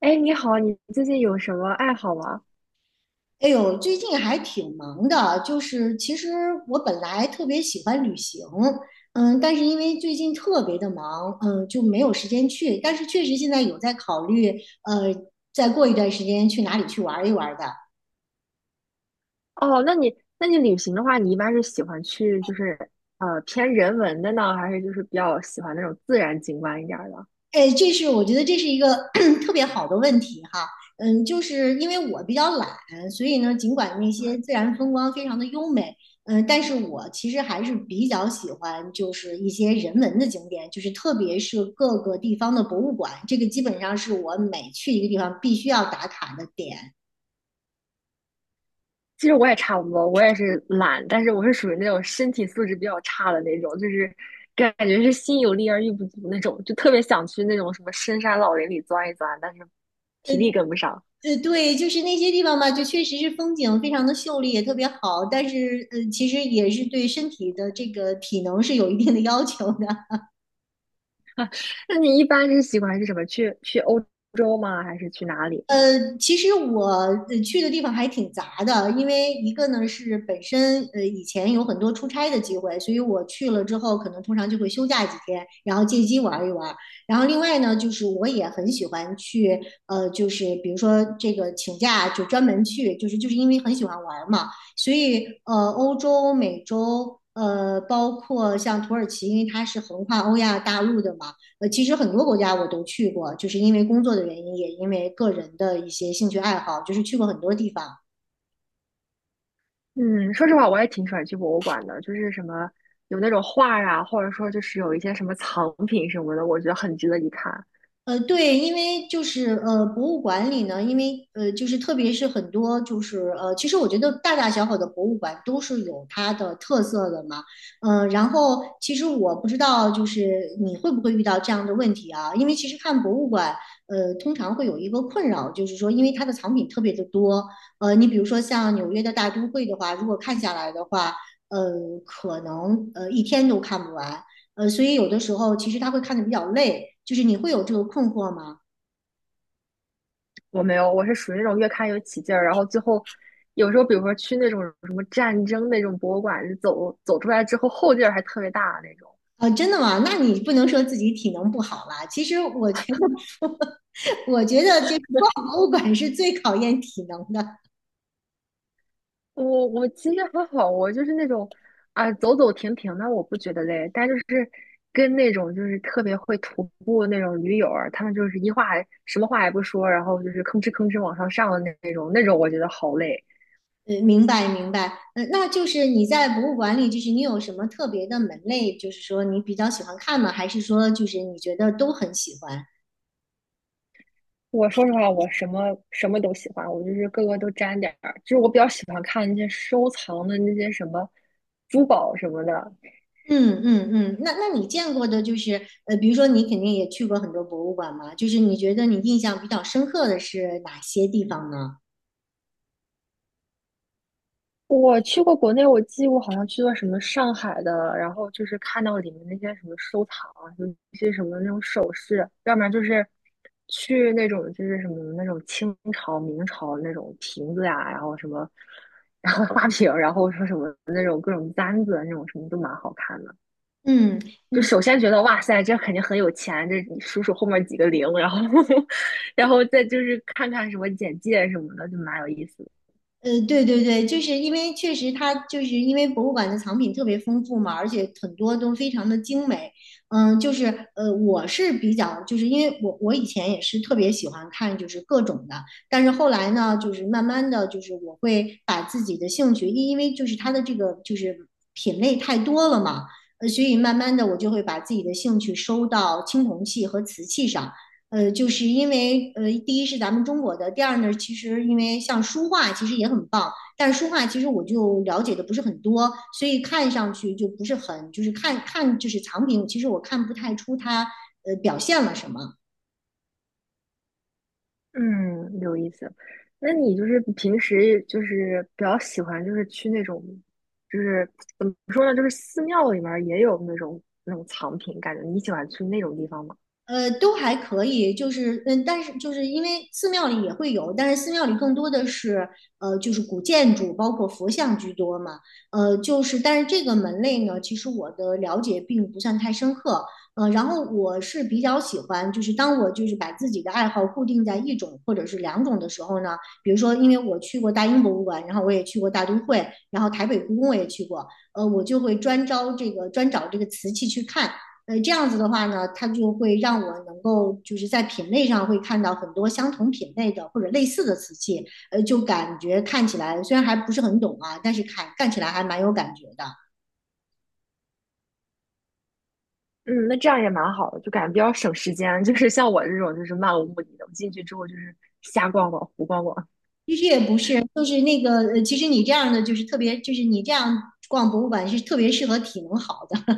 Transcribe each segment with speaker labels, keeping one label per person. Speaker 1: 哎，你好，你最近有什么爱好吗？
Speaker 2: 哎呦，最近还挺忙的，就是其实我本来特别喜欢旅行，但是因为最近特别的忙，就没有时间去。但是确实现在有在考虑，呃，再过一段时间去哪里去玩一玩的。
Speaker 1: 哦，那你旅行的话，你一般是喜欢去就是偏人文的呢，还是就是比较喜欢那种自然景观一点儿的？
Speaker 2: 哎，这是我觉得这是一个 特别好的问题哈。就是因为我比较懒，所以呢，尽管那些自然风光非常的优美，但是我其实还是比较喜欢就是一些人文的景点，就是特别是各个地方的博物馆，这个基本上是我每去一个地方必须要打卡的点。
Speaker 1: 其实我也差不多，我也是懒，但是我是属于那种身体素质比较差的那种，就是感觉是心有力而力不足那种，就特别想去那种什么深山老林里钻一钻，但是
Speaker 2: 呃
Speaker 1: 体力跟不上。
Speaker 2: 对，就是那些地方吧，就确实是风景非常的秀丽，也特别好，但是其实也是对身体的这个体能是有一定的要求的。
Speaker 1: 那你一般是喜欢是什么？去欧洲吗？还是去哪里？
Speaker 2: 其实我去的地方还挺杂的，因为一个呢是本身以前有很多出差的机会，所以我去了之后可能通常就会休假几天，然后借机玩一玩。然后另外呢，就是我也很喜欢去就是比如说这个请假就专门去，就是因为很喜欢玩嘛，所以欧洲、美洲包括像土耳其，因为它是横跨欧亚大陆的嘛。其实很多国家我都去过，就是因为工作的原因，也因为个人的一些兴趣爱好，就是去过很多地方。
Speaker 1: 嗯，说实话，我也挺喜欢去博物馆的，就是什么有那种画呀，或者说就是有一些什么藏品什么的，我觉得很值得一看。
Speaker 2: 对，因为就是博物馆里呢，因为就是特别是很多就是其实我觉得大大小小的博物馆都是有它的特色的嘛，然后其实我不知道就是你会不会遇到这样的问题啊，因为其实看博物馆，通常会有一个困扰，就是说因为它的藏品特别的多，你比如说像纽约的大都会的话，如果看下来的话，呃，可能一天都看不完，所以有的时候其实他会看得比较累，就是你会有这个困惑吗？
Speaker 1: 我没有，我是属于那种越看越起劲儿，然后最后有时候比如说去那种什么战争那种博物馆，走出来之后后劲儿还特别大那种。
Speaker 2: 啊，真的吗？那你不能说自己体能不好啦。其实我觉得，我觉得这逛博物馆是最考验体能的。
Speaker 1: 我其实还好，我就是那种走走停停的，我不觉得累。但就是跟那种就是特别会徒步那种驴友儿，他们就是一话还什么话也不说，然后就是吭哧吭哧往上上的那种，那种我觉得好累。
Speaker 2: 明白明白。嗯，那就是你在博物馆里，就是你有什么特别的门类，就是说你比较喜欢看吗？还是说就是你觉得都很喜欢？
Speaker 1: 我说实话，我什么都喜欢，我就是各个都沾点儿。就是我比较喜欢看那些收藏的那些什么珠宝什么的，
Speaker 2: 嗯嗯嗯。那你见过的，就是比如说你肯定也去过很多博物馆嘛，就是你觉得你印象比较深刻的是哪些地方呢？
Speaker 1: 我去过国内，我好像去过什么上海的，然后就是看到里面那些什么收藏啊，有一些什么那种首饰，要不然就是去那种就是什么那种清朝、明朝那种瓶子呀、然后什么，然后花瓶，然后说什么那种各种簪子啊那种什么都蛮好看的。
Speaker 2: 嗯，
Speaker 1: 就首先觉得哇塞，这肯定很有钱，这你数数后面几个零，然后 然后再就是看看什么简介什么的，就蛮有意思的。
Speaker 2: 对对对，就是因为确实它就是因为博物馆的藏品特别丰富嘛，而且很多都非常的精美。就是我是比较就是因为我以前也是特别喜欢看就是各种的，但是后来呢，就是慢慢的就是我会把自己的兴趣，因为就是它的这个就是品类太多了嘛，所以慢慢的我就会把自己的兴趣收到青铜器和瓷器上。就是因为第一是咱们中国的，第二呢，其实因为像书画其实也很棒，但是书画其实我就了解的不是很多，所以看上去就不是很，就是看看就是藏品，其实我看不太出它表现了什么。
Speaker 1: 嗯，有意思。那你就是平时就是比较喜欢就是去那种，就是怎么说呢，就是寺庙里面儿也有那种藏品，感觉你喜欢去那种地方吗？
Speaker 2: 都还可以，就是但是就是因为寺庙里也会有，但是寺庙里更多的是就是古建筑，包括佛像居多嘛。就是但是这个门类呢，其实我的了解并不算太深刻。然后我是比较喜欢，就是当我就是把自己的爱好固定在一种或者是两种的时候呢，比如说因为我去过大英博物馆，然后我也去过大都会，然后台北故宫我也去过，我就会专找这个瓷器去看。这样子的话呢，它就会让我能够就是在品类上会看到很多相同品类的或者类似的瓷器，就感觉看起来虽然还不是很懂啊，但是看看起来还蛮有感觉的。
Speaker 1: 嗯，那这样也蛮好的，就感觉比较省时间。就是像我这种就是漫无目的的，我进去之后就是瞎逛逛、胡逛逛。
Speaker 2: 其实也不是，就是那个，其实你这样的就是特别，就是你这样逛博物馆是特别适合体能好的。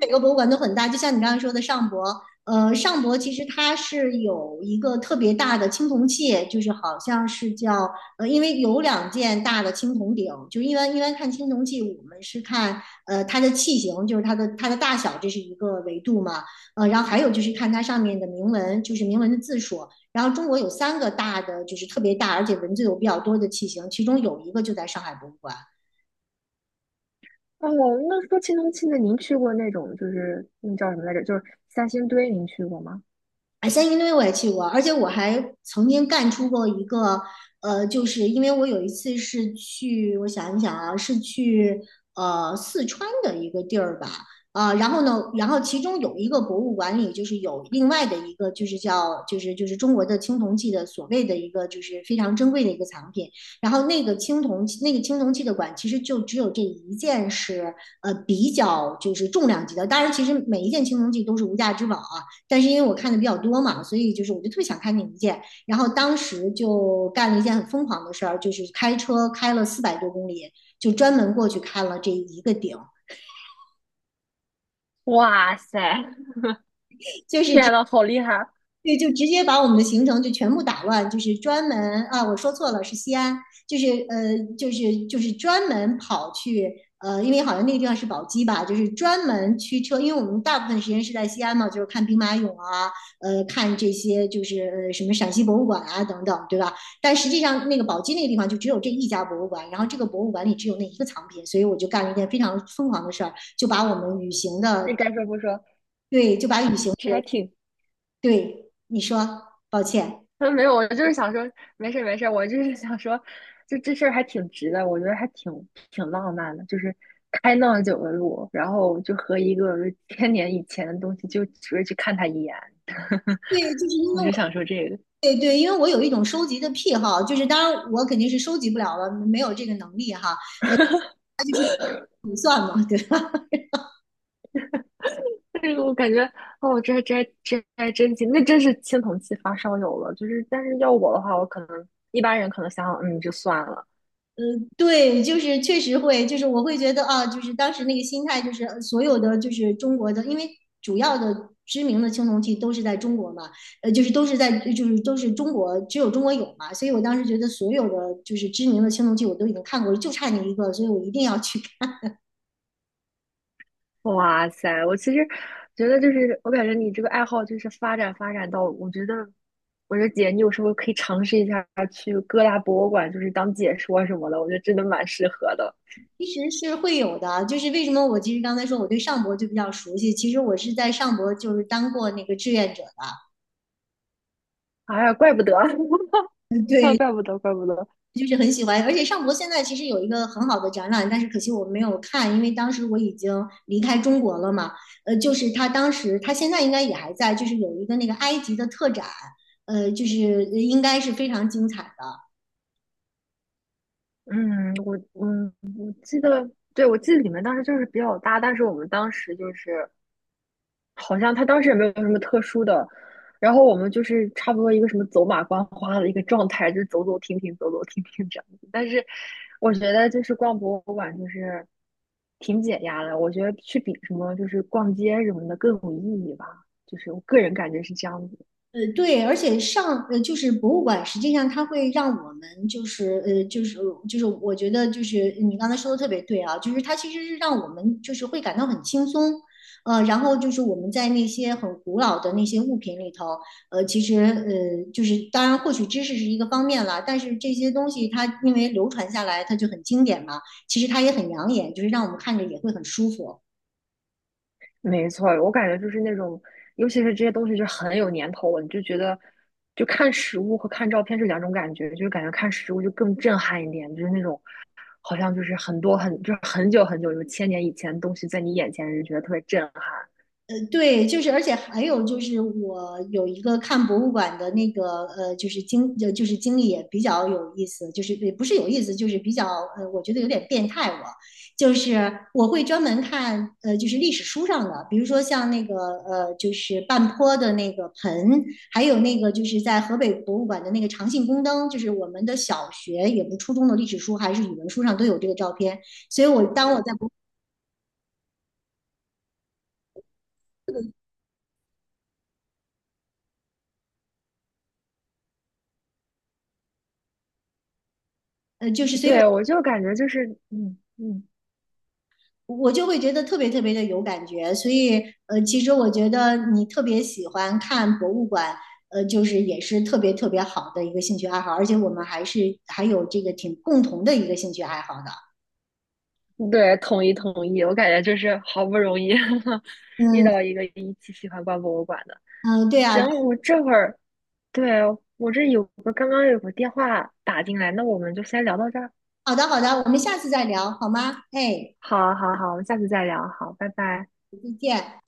Speaker 2: 每个博物馆都很大，就像你刚才说的上博，上博其实它是有一个特别大的青铜器，就是好像是叫因为有两件大的青铜鼎，就一般看青铜器，我们是看它的器型，就是它的大小，这是一个维度嘛，然后还有就是看它上面的铭文，就是铭文的字数。然后中国有三个大的，就是特别大，而且文字有比较多的器型，其中有一个就在上海博物馆。
Speaker 1: 哦，那说青铜器，那您去过那种就是那叫什么来着？就是三星堆，您去过吗？
Speaker 2: 哎，三星堆我也去过，而且我还曾经干出过一个，就是因为我有一次是去，我想一想啊，是去四川的一个地儿吧，啊、然后呢，然后其中有一个博物馆里就是有另外的一个，就是叫就是中国的青铜器的所谓的一个就是非常珍贵的一个藏品，然后那个青铜器的馆其实就只有这一件是比较就是重量级的，当然其实每一件青铜器都是无价之宝啊。但是因为我看的比较多嘛，所以就是我就特别想看那一件，然后当时就干了一件很疯狂的事儿，就是开车开了400多公里，就专门过去看了这一个顶，
Speaker 1: 哇塞，
Speaker 2: 就 是
Speaker 1: 天呐，好厉害！
Speaker 2: 对，就直接把我们的行程就全部打乱，就是专门啊，我说错了，是西安，就是就是专门跑去因为好像那个地方是宝鸡吧，就是专门驱车，因为我们大部分时间是在西安嘛，就是看兵马俑啊，看这些就是什么陕西博物馆啊等等，对吧？但实际上那个宝鸡那个地方就只有这一家博物馆，然后这个博物馆里只有那一个藏品，所以我就干了一件非常疯狂的事儿，就把我们旅行的
Speaker 1: 这该说不说。
Speaker 2: 对，就把旅行的人对你说，抱歉。
Speaker 1: 嗯，没有，我就是想说，没事没事，我就是想说，就这事儿还挺值的，我觉得还挺浪漫的，就是开那么久的路，然后就和一个千年以前的东西，就只为去看他一眼。
Speaker 2: 对，就是因
Speaker 1: 我
Speaker 2: 为
Speaker 1: 就想说这个，
Speaker 2: 对对，因为我有一种收集的癖好，就是当然我肯定是收集不了了，没有这个能力哈，对吧？
Speaker 1: 这个我感觉，哦，这还真行，那真是青铜器发烧友了，就是，但是要我的话，我可能一般人可能想想，嗯，就算了。
Speaker 2: 对，就是确实会，就是我会觉得啊，就是当时那个心态，就是所有的就是中国的，因为主要的知名的青铜器都是在中国嘛，就是都是在就是都是中国，只有中国有嘛，所以我当时觉得所有的就是知名的青铜器我都已经看过了，就差那一个，所以我一定要去
Speaker 1: 哇塞，我其实觉得就是，我感觉你这个爱好就是发展到，我觉得，我说姐，你有时候可以尝试一下去各大博物馆，就是当解说什么的，我觉得真的蛮适合的。
Speaker 2: 其实是会有的，就是为什么我其实刚才说我对上博就比较熟悉，其实我是在上博就是当过那个志愿者的，
Speaker 1: 哎呀，怪不得，
Speaker 2: 嗯
Speaker 1: 啊，
Speaker 2: 对，
Speaker 1: 怪不得，怪不得。
Speaker 2: 就是很喜欢，而且上博现在其实有一个很好的展览，但是可惜我没有看，因为当时我已经离开中国了嘛，就是他他现在应该也还在，就是有一个那个埃及的特展，就是应该是非常精彩的。
Speaker 1: 嗯，我记得，对，我记得你们当时就是比较大，但是我们当时就是。好像他当时也没有什么特殊的，然后我们就是差不多一个什么走马观花的一个状态，就是走走停停，走走停停这样子。但是我觉得就是逛博物馆就是挺解压的，我觉得去比什么就是逛街什么的更有意义吧，就是我个人感觉是这样子。
Speaker 2: 对，而且就是博物馆，实际上它会让我们就是就是我觉得就是你刚才说的特别对啊，就是它其实是让我们就是会感到很轻松，然后就是我们在那些很古老的那些物品里头，其实就是当然获取知识是一个方面啦，但是这些东西它因为流传下来，它就很经典嘛，其实它也很养眼，就是让我们看着也会很舒服。
Speaker 1: 没错，我感觉就是那种，尤其是这些东西就很有年头了，你就觉得。就看实物和看照片是两种感觉，就是感觉看实物就更震撼一点，就是那种好像就是很多很就是很久很久，有千年以前的东西在你眼前，就觉得特别震撼。
Speaker 2: 对，就是，而且还有就是，我有一个看博物馆的那个就是就是经历也比较有意思，就是也不是有意思，就是比较我觉得有点变态我。就是我会专门看，就是历史书上的，比如说像那个，就是半坡的那个盆，还有那个就是在河北博物馆的那个长信宫灯，就是我们的小学也不初中的历史书还是语文书上都有这个照片，所以我当我在博，就是所以我
Speaker 1: 对，我就感觉就是，嗯嗯，
Speaker 2: 我就会觉得特别特别的有感觉。所以，其实我觉得你特别喜欢看博物馆，就是也是特别特别好的一个兴趣爱好，而且我们还是还有这个挺共同的一个兴趣爱好的。
Speaker 1: 对，统一统一，我感觉就是好不容易 遇
Speaker 2: 嗯
Speaker 1: 到一个一起喜欢逛博物馆的。
Speaker 2: 嗯，对
Speaker 1: 行，
Speaker 2: 啊，
Speaker 1: 我这会儿，对，我这有个刚刚有个电话打进来，那我们就先聊到这儿。
Speaker 2: 好的好的，我们下次再聊好吗？哎，
Speaker 1: 好，好，好，我们下次再聊。好，拜拜。
Speaker 2: 再见。